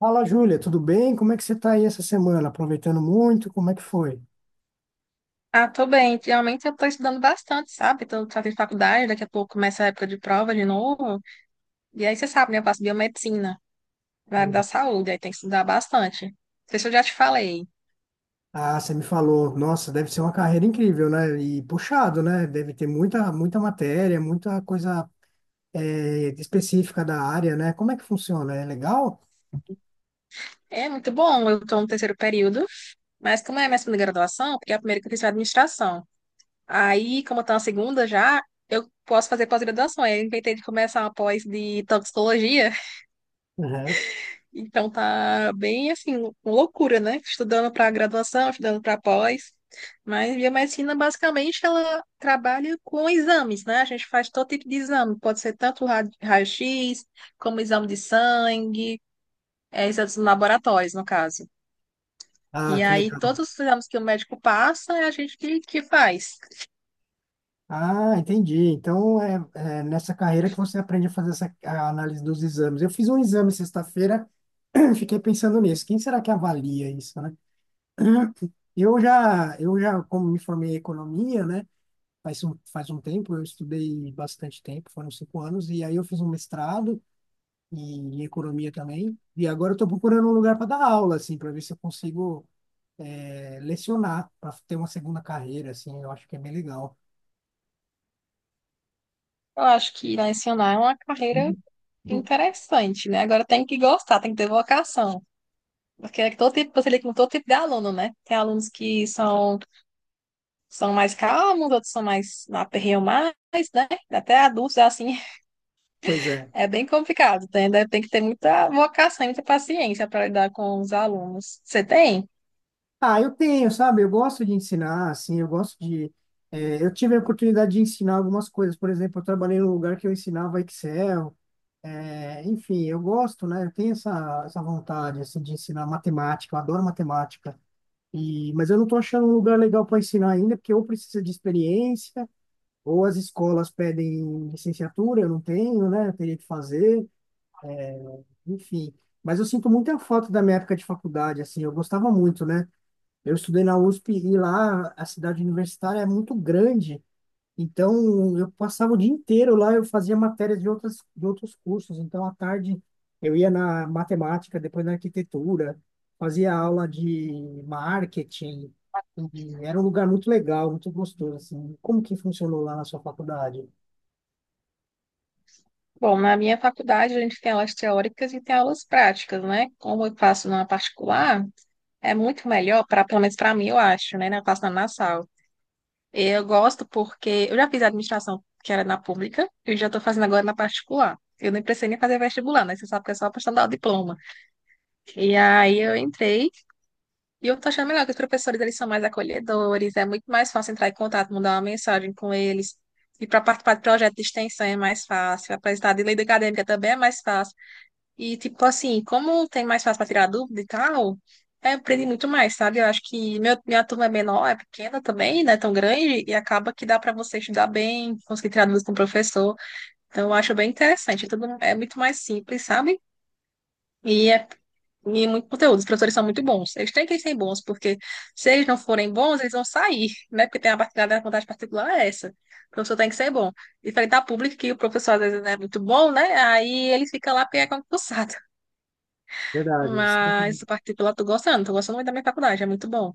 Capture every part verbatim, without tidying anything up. Fala, Júlia, tudo bem? Como é que você está aí essa semana? Aproveitando muito? Como é que foi? Ah, tô bem. Realmente eu tô estudando bastante, sabe? Tô fazendo faculdade, daqui a pouco começa a época de prova de novo. E aí você sabe, né? Eu faço biomedicina, na área da Uhum. saúde, aí tem que estudar bastante. Não sei se eu já te falei. Ah, você me falou, nossa, deve ser uma carreira incrível, né? E puxado, né? Deve ter muita, muita matéria, muita coisa eh, específica da área, né? Como é que funciona? É legal? É muito bom, eu tô no terceiro período, mas como é a minha segunda graduação, porque a primeira que eu fiz foi administração. Aí, como eu tô na segunda já, eu posso fazer pós-graduação. Aí eu inventei de começar uma pós de toxicologia. Uhum. Então tá bem assim, loucura, né? Estudando para graduação, estudando para pós. Mas biomedicina basicamente ela trabalha com exames, né? A gente faz todo tipo de exame, pode ser tanto ra- raio-x, como exame de sangue, é, exames laboratórios, no caso. Ah, E que aí legal. todos os exames que o médico passa é a gente que, que faz. Ah, entendi. Então é, é nessa carreira que você aprende a fazer essa a análise dos exames. Eu fiz um exame sexta-feira, fiquei pensando nisso. Quem será que avalia isso, né? Eu já, eu já, como me formei em economia, né? Faz um, faz um tempo, eu estudei bastante tempo, foram cinco anos, e aí eu fiz um mestrado em, em economia também, e agora eu estou procurando um lugar para dar aula, assim, para ver se eu consigo eh, lecionar, para ter uma segunda carreira, assim, eu acho que é bem legal. Eu acho que ensinar é uma carreira interessante, né? Agora tem que gostar, tem que ter vocação. Porque é todo tipo, você lida com todo tipo de aluno, né? Tem alunos que são são mais calmos, outros são mais aperreiam mais, né? Até adultos, assim, Pois é. é bem complicado. Tem, né? Tem que ter muita vocação, muita paciência para lidar com os alunos. Você tem? Ah, eu tenho, sabe? Eu gosto de ensinar, assim, eu gosto de. Eh, eu tive a oportunidade de ensinar algumas coisas. Por exemplo, eu trabalhei num lugar que eu ensinava Excel. Eh, enfim, eu gosto, né? Eu tenho essa, essa vontade, assim, de ensinar matemática. Eu adoro matemática. E mas eu não estou achando um lugar legal para ensinar ainda, porque ou precisa de experiência, ou as escolas pedem licenciatura, eu não tenho, né? Eu teria que fazer, enfim. Mas eu sinto muita falta da minha época de faculdade, assim. Eu gostava muito, né? Eu estudei na U S P e lá a cidade universitária é muito grande, então eu passava o dia inteiro lá, eu fazia matérias de outras, de outros cursos, então à tarde eu ia na matemática, depois na arquitetura, fazia aula de marketing, e era um lugar muito legal, muito gostoso, assim. Como que funcionou lá na sua faculdade? Bom, na minha faculdade a gente tem aulas teóricas e tem aulas práticas, né? Como eu faço na particular, é muito melhor, para, pelo menos para mim, eu acho, né? Eu faço na Nassau. Eu gosto porque eu já fiz administração que era na pública, e já estou fazendo agora na particular. Eu nem precisei nem fazer vestibular, né? Você sabe que é só a questão o diploma. E aí eu entrei. E eu tô achando melhor que os professores, eles são mais acolhedores, é muito mais fácil entrar em contato, mandar uma mensagem com eles. E para participar de projeto de extensão é mais fácil, apresentar de lei acadêmica também é mais fácil. E, tipo assim, como tem mais fácil para tirar dúvida e tal, é, aprendi muito mais, sabe? Eu acho que meu, minha turma é menor, é pequena também, não é tão grande, e acaba que dá para você estudar bem, conseguir tirar dúvidas com o professor. Então, eu acho bem interessante, tudo é muito mais simples, sabe? E é e muito conteúdo. Os professores são muito bons. Eles têm que ser bons, porque se eles não forem bons, eles vão sair, né? Porque tem a partilhada da vontade particular é essa. O professor tem que ser bom. Diferente da pública, que o professor às vezes não é muito bom, né? Aí ele fica lá porque é concursado. Verdade. Sim. Mas o particular, tô gostando, tô gostando muito da minha faculdade, é muito bom.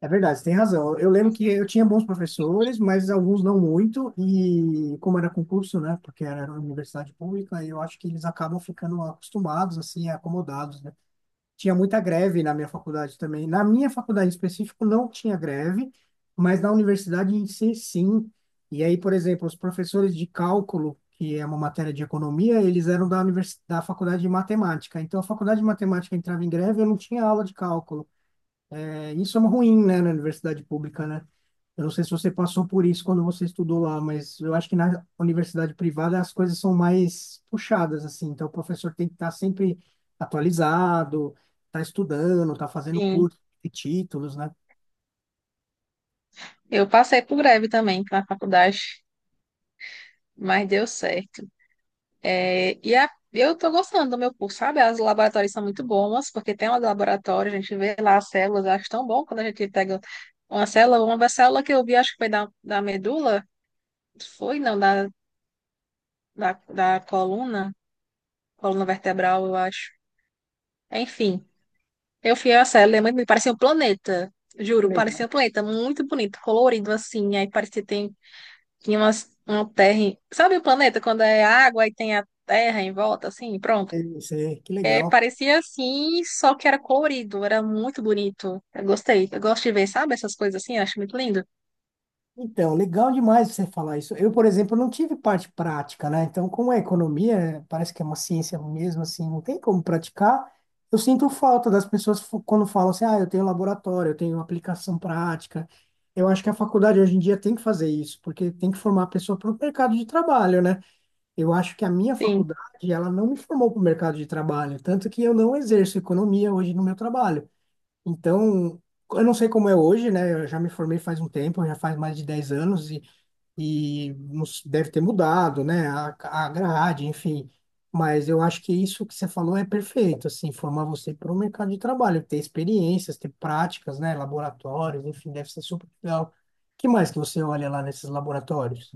É verdade, você tem razão. Eu lembro que eu tinha bons professores, mas alguns não muito, e como era concurso, né, porque era uma universidade pública, eu acho que eles acabam ficando acostumados, assim, acomodados, né. Tinha muita greve na minha faculdade também. Na minha faculdade em específico não tinha greve, mas na universidade em si, sim. E aí, por exemplo, os professores de cálculo, que é uma matéria de economia, eles eram da universidade, da faculdade de matemática. Então, a faculdade de matemática entrava em greve, eu não tinha aula de cálculo. É, isso é ruim, né, na universidade pública, né? Eu não sei se você passou por isso quando você estudou lá, mas eu acho que na universidade privada as coisas são mais puxadas, assim. Então, o professor tem que estar sempre atualizado, tá estudando, tá fazendo Sim. curso, e títulos, né? Eu passei por greve também na faculdade, mas deu certo. É, e a- eu estou gostando do meu curso, sabe? As laboratórios são muito bons, porque tem um laboratório, a gente vê lá as células, eu acho tão bom quando a gente pega uma célula, uma célula que eu vi, acho que foi da, da medula, foi, não, da, da, da coluna, coluna vertebral, eu acho. Enfim, eu fui a célula, é muito, bonito, parecia um planeta, Que juro, legal. parecia um planeta, muito bonito, colorido assim, aí parecia que tem, tinha umas, uma terra, em- sabe o planeta, quando é água e tem a terra em volta, assim, pronto? É isso aí, que É, legal. parecia assim, só que era colorido, era muito bonito. Eu gostei. Eu gosto de ver, sabe, essas coisas assim, eu acho muito lindo. Então, legal demais você falar isso. Eu, por exemplo, não tive parte prática, né? Então, como é economia, é, parece que é uma ciência mesmo, assim, não tem como praticar. Eu sinto falta das pessoas fu- quando falam assim, ah, eu tenho laboratório, eu tenho aplicação prática. Eu acho que a faculdade hoje em dia tem que fazer isso, porque tem que formar a pessoa para o mercado de trabalho, né? Eu acho que a minha Sim, faculdade, ela não me formou para o mercado de trabalho, tanto que eu não exerço economia hoje no meu trabalho. Então, eu não sei como é hoje, né? Eu já me formei faz um tempo, já faz mais de dez anos e, e nos- deve ter mudado, né? A, a grade, enfim. Mas eu acho que isso que você falou é perfeito, assim, formar você para o mercado de trabalho, ter experiências, ter práticas, né? Laboratórios, enfim, deve ser super legal. Que mais que você olha lá nesses laboratórios?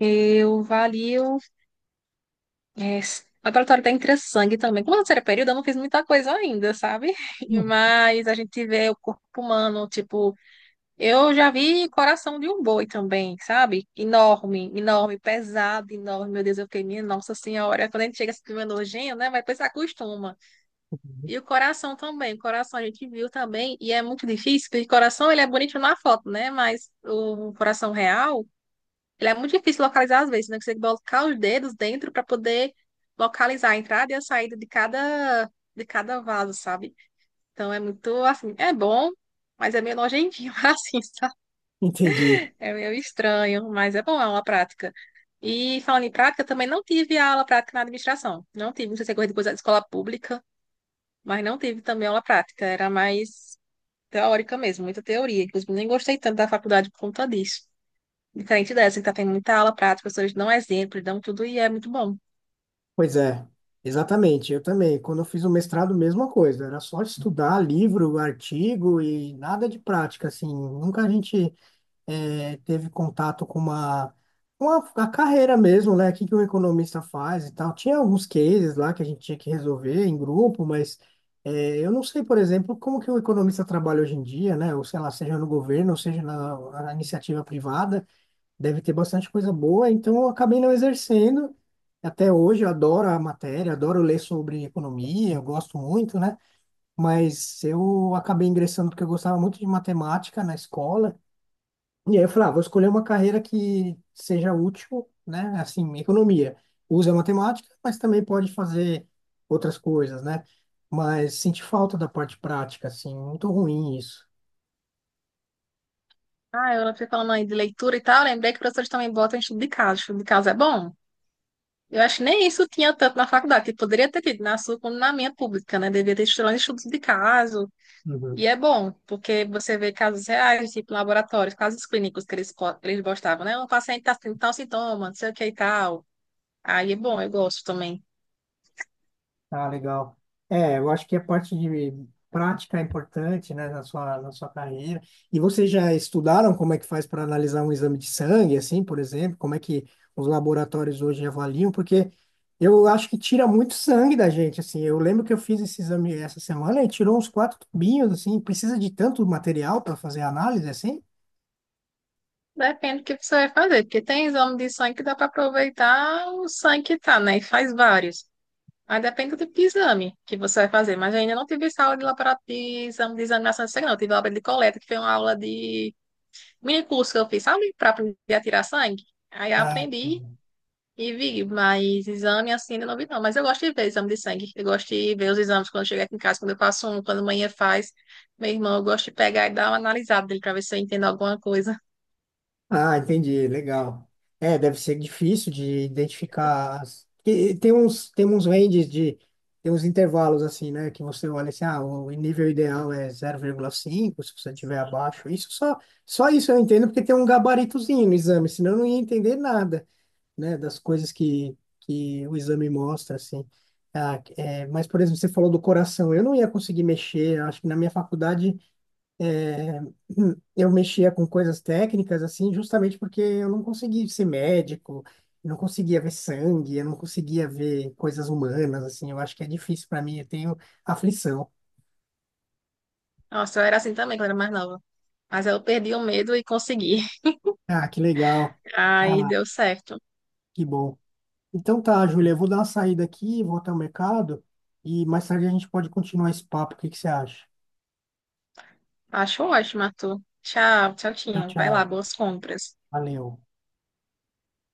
eu valio. É, s- o laboratório da Entressangue também. Como eu não era período, eu não fiz muita coisa ainda, sabe? Hum. Mas a gente vê o corpo humano, tipo, eu já vi coração de um boi também, sabe? Enorme, enorme, pesado, enorme. Meu Deus, eu fiquei, minha nossa senhora. Quando a gente chega assim, meio nojento, né? Mas depois se acostuma. E o coração também, o coração a gente viu também, e é muito difícil, porque o coração ele é bonito na foto, né? Mas o coração real, ele é muito difícil localizar às vezes, né? Porque você tem que colocar os dedos dentro para poder localizar a entrada e a saída de cada, de cada vaso, sabe? Então é muito assim, é bom, mas é meio nojentinho, assim, sabe? Entendi. É meio estranho, mas é bom, é uma prática. E falando em prática, também não tive aula prática na administração. Não tive, não sei se é coisa depois da escola pública, mas não tive também aula prática. Era mais teórica mesmo, muita teoria. Inclusive, nem gostei tanto da faculdade por conta disso. Diferente dessa, que tá tendo muita aula prática, os professores dão exemplo, dão tudo e é muito bom. Pois é, exatamente. Eu também. Quando eu fiz o mestrado, mesma coisa. Era só estudar livro, artigo e nada de prática, assim. Nunca a gente eh, teve contato com uma, com a, a carreira mesmo, né? O que que um economista faz e tal. Tinha alguns cases lá que a gente tinha que resolver em grupo, mas eh, eu não sei, por exemplo, como que o economista trabalha hoje em dia, né? Ou sei lá, seja no governo, ou seja na na iniciativa privada deve ter bastante coisa boa, então eu acabei não exercendo. Até hoje eu adoro a matéria, adoro ler sobre economia, eu gosto muito, né? Mas eu acabei ingressando porque eu gostava muito de matemática na escola. E aí eu falei, ah, vou escolher uma carreira que seja útil, né? Assim, economia. Usa matemática, mas também pode fazer outras coisas, né? Mas senti falta da parte prática, assim, muito ruim isso. Ah, eu fui falando aí de leitura e tal, lembrei que os professores também botam estudo de caso. Estudo de caso é bom. Eu acho que nem isso tinha tanto na faculdade, que poderia ter tido na sua como na minha pública, né? Devia ter estudado estudos de caso. Uhum. E é bom, porque você vê casos reais, tipo laboratórios, casos clínicos que eles, co- eles gostavam, né? Um paciente tá tendo tal sintoma, não sei o que e tal. Aí é bom, eu gosto também. Ah, legal. É, eu acho que a parte de prática é importante, né, na sua, na sua carreira. E vocês já estudaram como é que faz para analisar um exame de sangue, assim, por exemplo? Como é que os laboratórios hoje avaliam? Porque eu acho que tira muito sangue da gente, assim. Eu lembro que eu fiz esse exame essa semana e tirou uns quatro tubinhos, assim. Precisa de tanto material para fazer a análise, assim? Depende do que você vai fazer, porque tem exame de sangue que dá para aproveitar o sangue que tá, né? E faz vários. Aí depende do tipo de exame que você vai fazer. Mas eu ainda não tive essa aula de laboratório de exame de examinação de sangue, não. Eu tive aula de coleta, que foi uma aula de mini curso que eu fiz, sabe? Para aprender a tirar sangue. Aí eu Ah, aprendi e vi, mas exame assim ainda não vi, não. Mas eu gosto de ver exame de sangue. Eu gosto de ver os exames quando eu chego aqui em casa, quando eu faço um, quando a manhã faz. Meu irmão, eu gosto de pegar e dar uma analisada dele para ver se eu entendo alguma coisa. ah, entendi, legal. É, deve ser difícil de identificar. as- e- Tem uns, tem uns ranges de, tem uns intervalos assim, né? Que você olha assim, ah, o nível ideal é zero vírgula cinco, se você tiver abaixo. Isso só, só isso eu entendo porque tem um gabaritozinho no exame, senão eu não ia entender nada, né? Das coisas que, que o exame mostra, assim. Ah, é, mas, por exemplo, você falou do coração. Eu não ia conseguir mexer. Acho que na minha faculdade é, eu mexia com coisas técnicas, assim, justamente porque eu não conseguia ser médico, eu não conseguia ver sangue, eu não conseguia ver coisas humanas, assim, eu acho que é difícil para mim, eu tenho aflição. Nossa, eu era assim também quando eu era mais nova. Mas eu perdi o medo e consegui. Ah, que legal. Aí Ah, deu certo. que bom. Então tá, Júlia, eu vou dar uma saída aqui, vou até o mercado e mais tarde a gente pode continuar esse papo, o que que você acha? Acho ótimo, Arthur. Tchau, tchau, Tchau, tinha. Vai lá, tchau. boas compras. Valeu.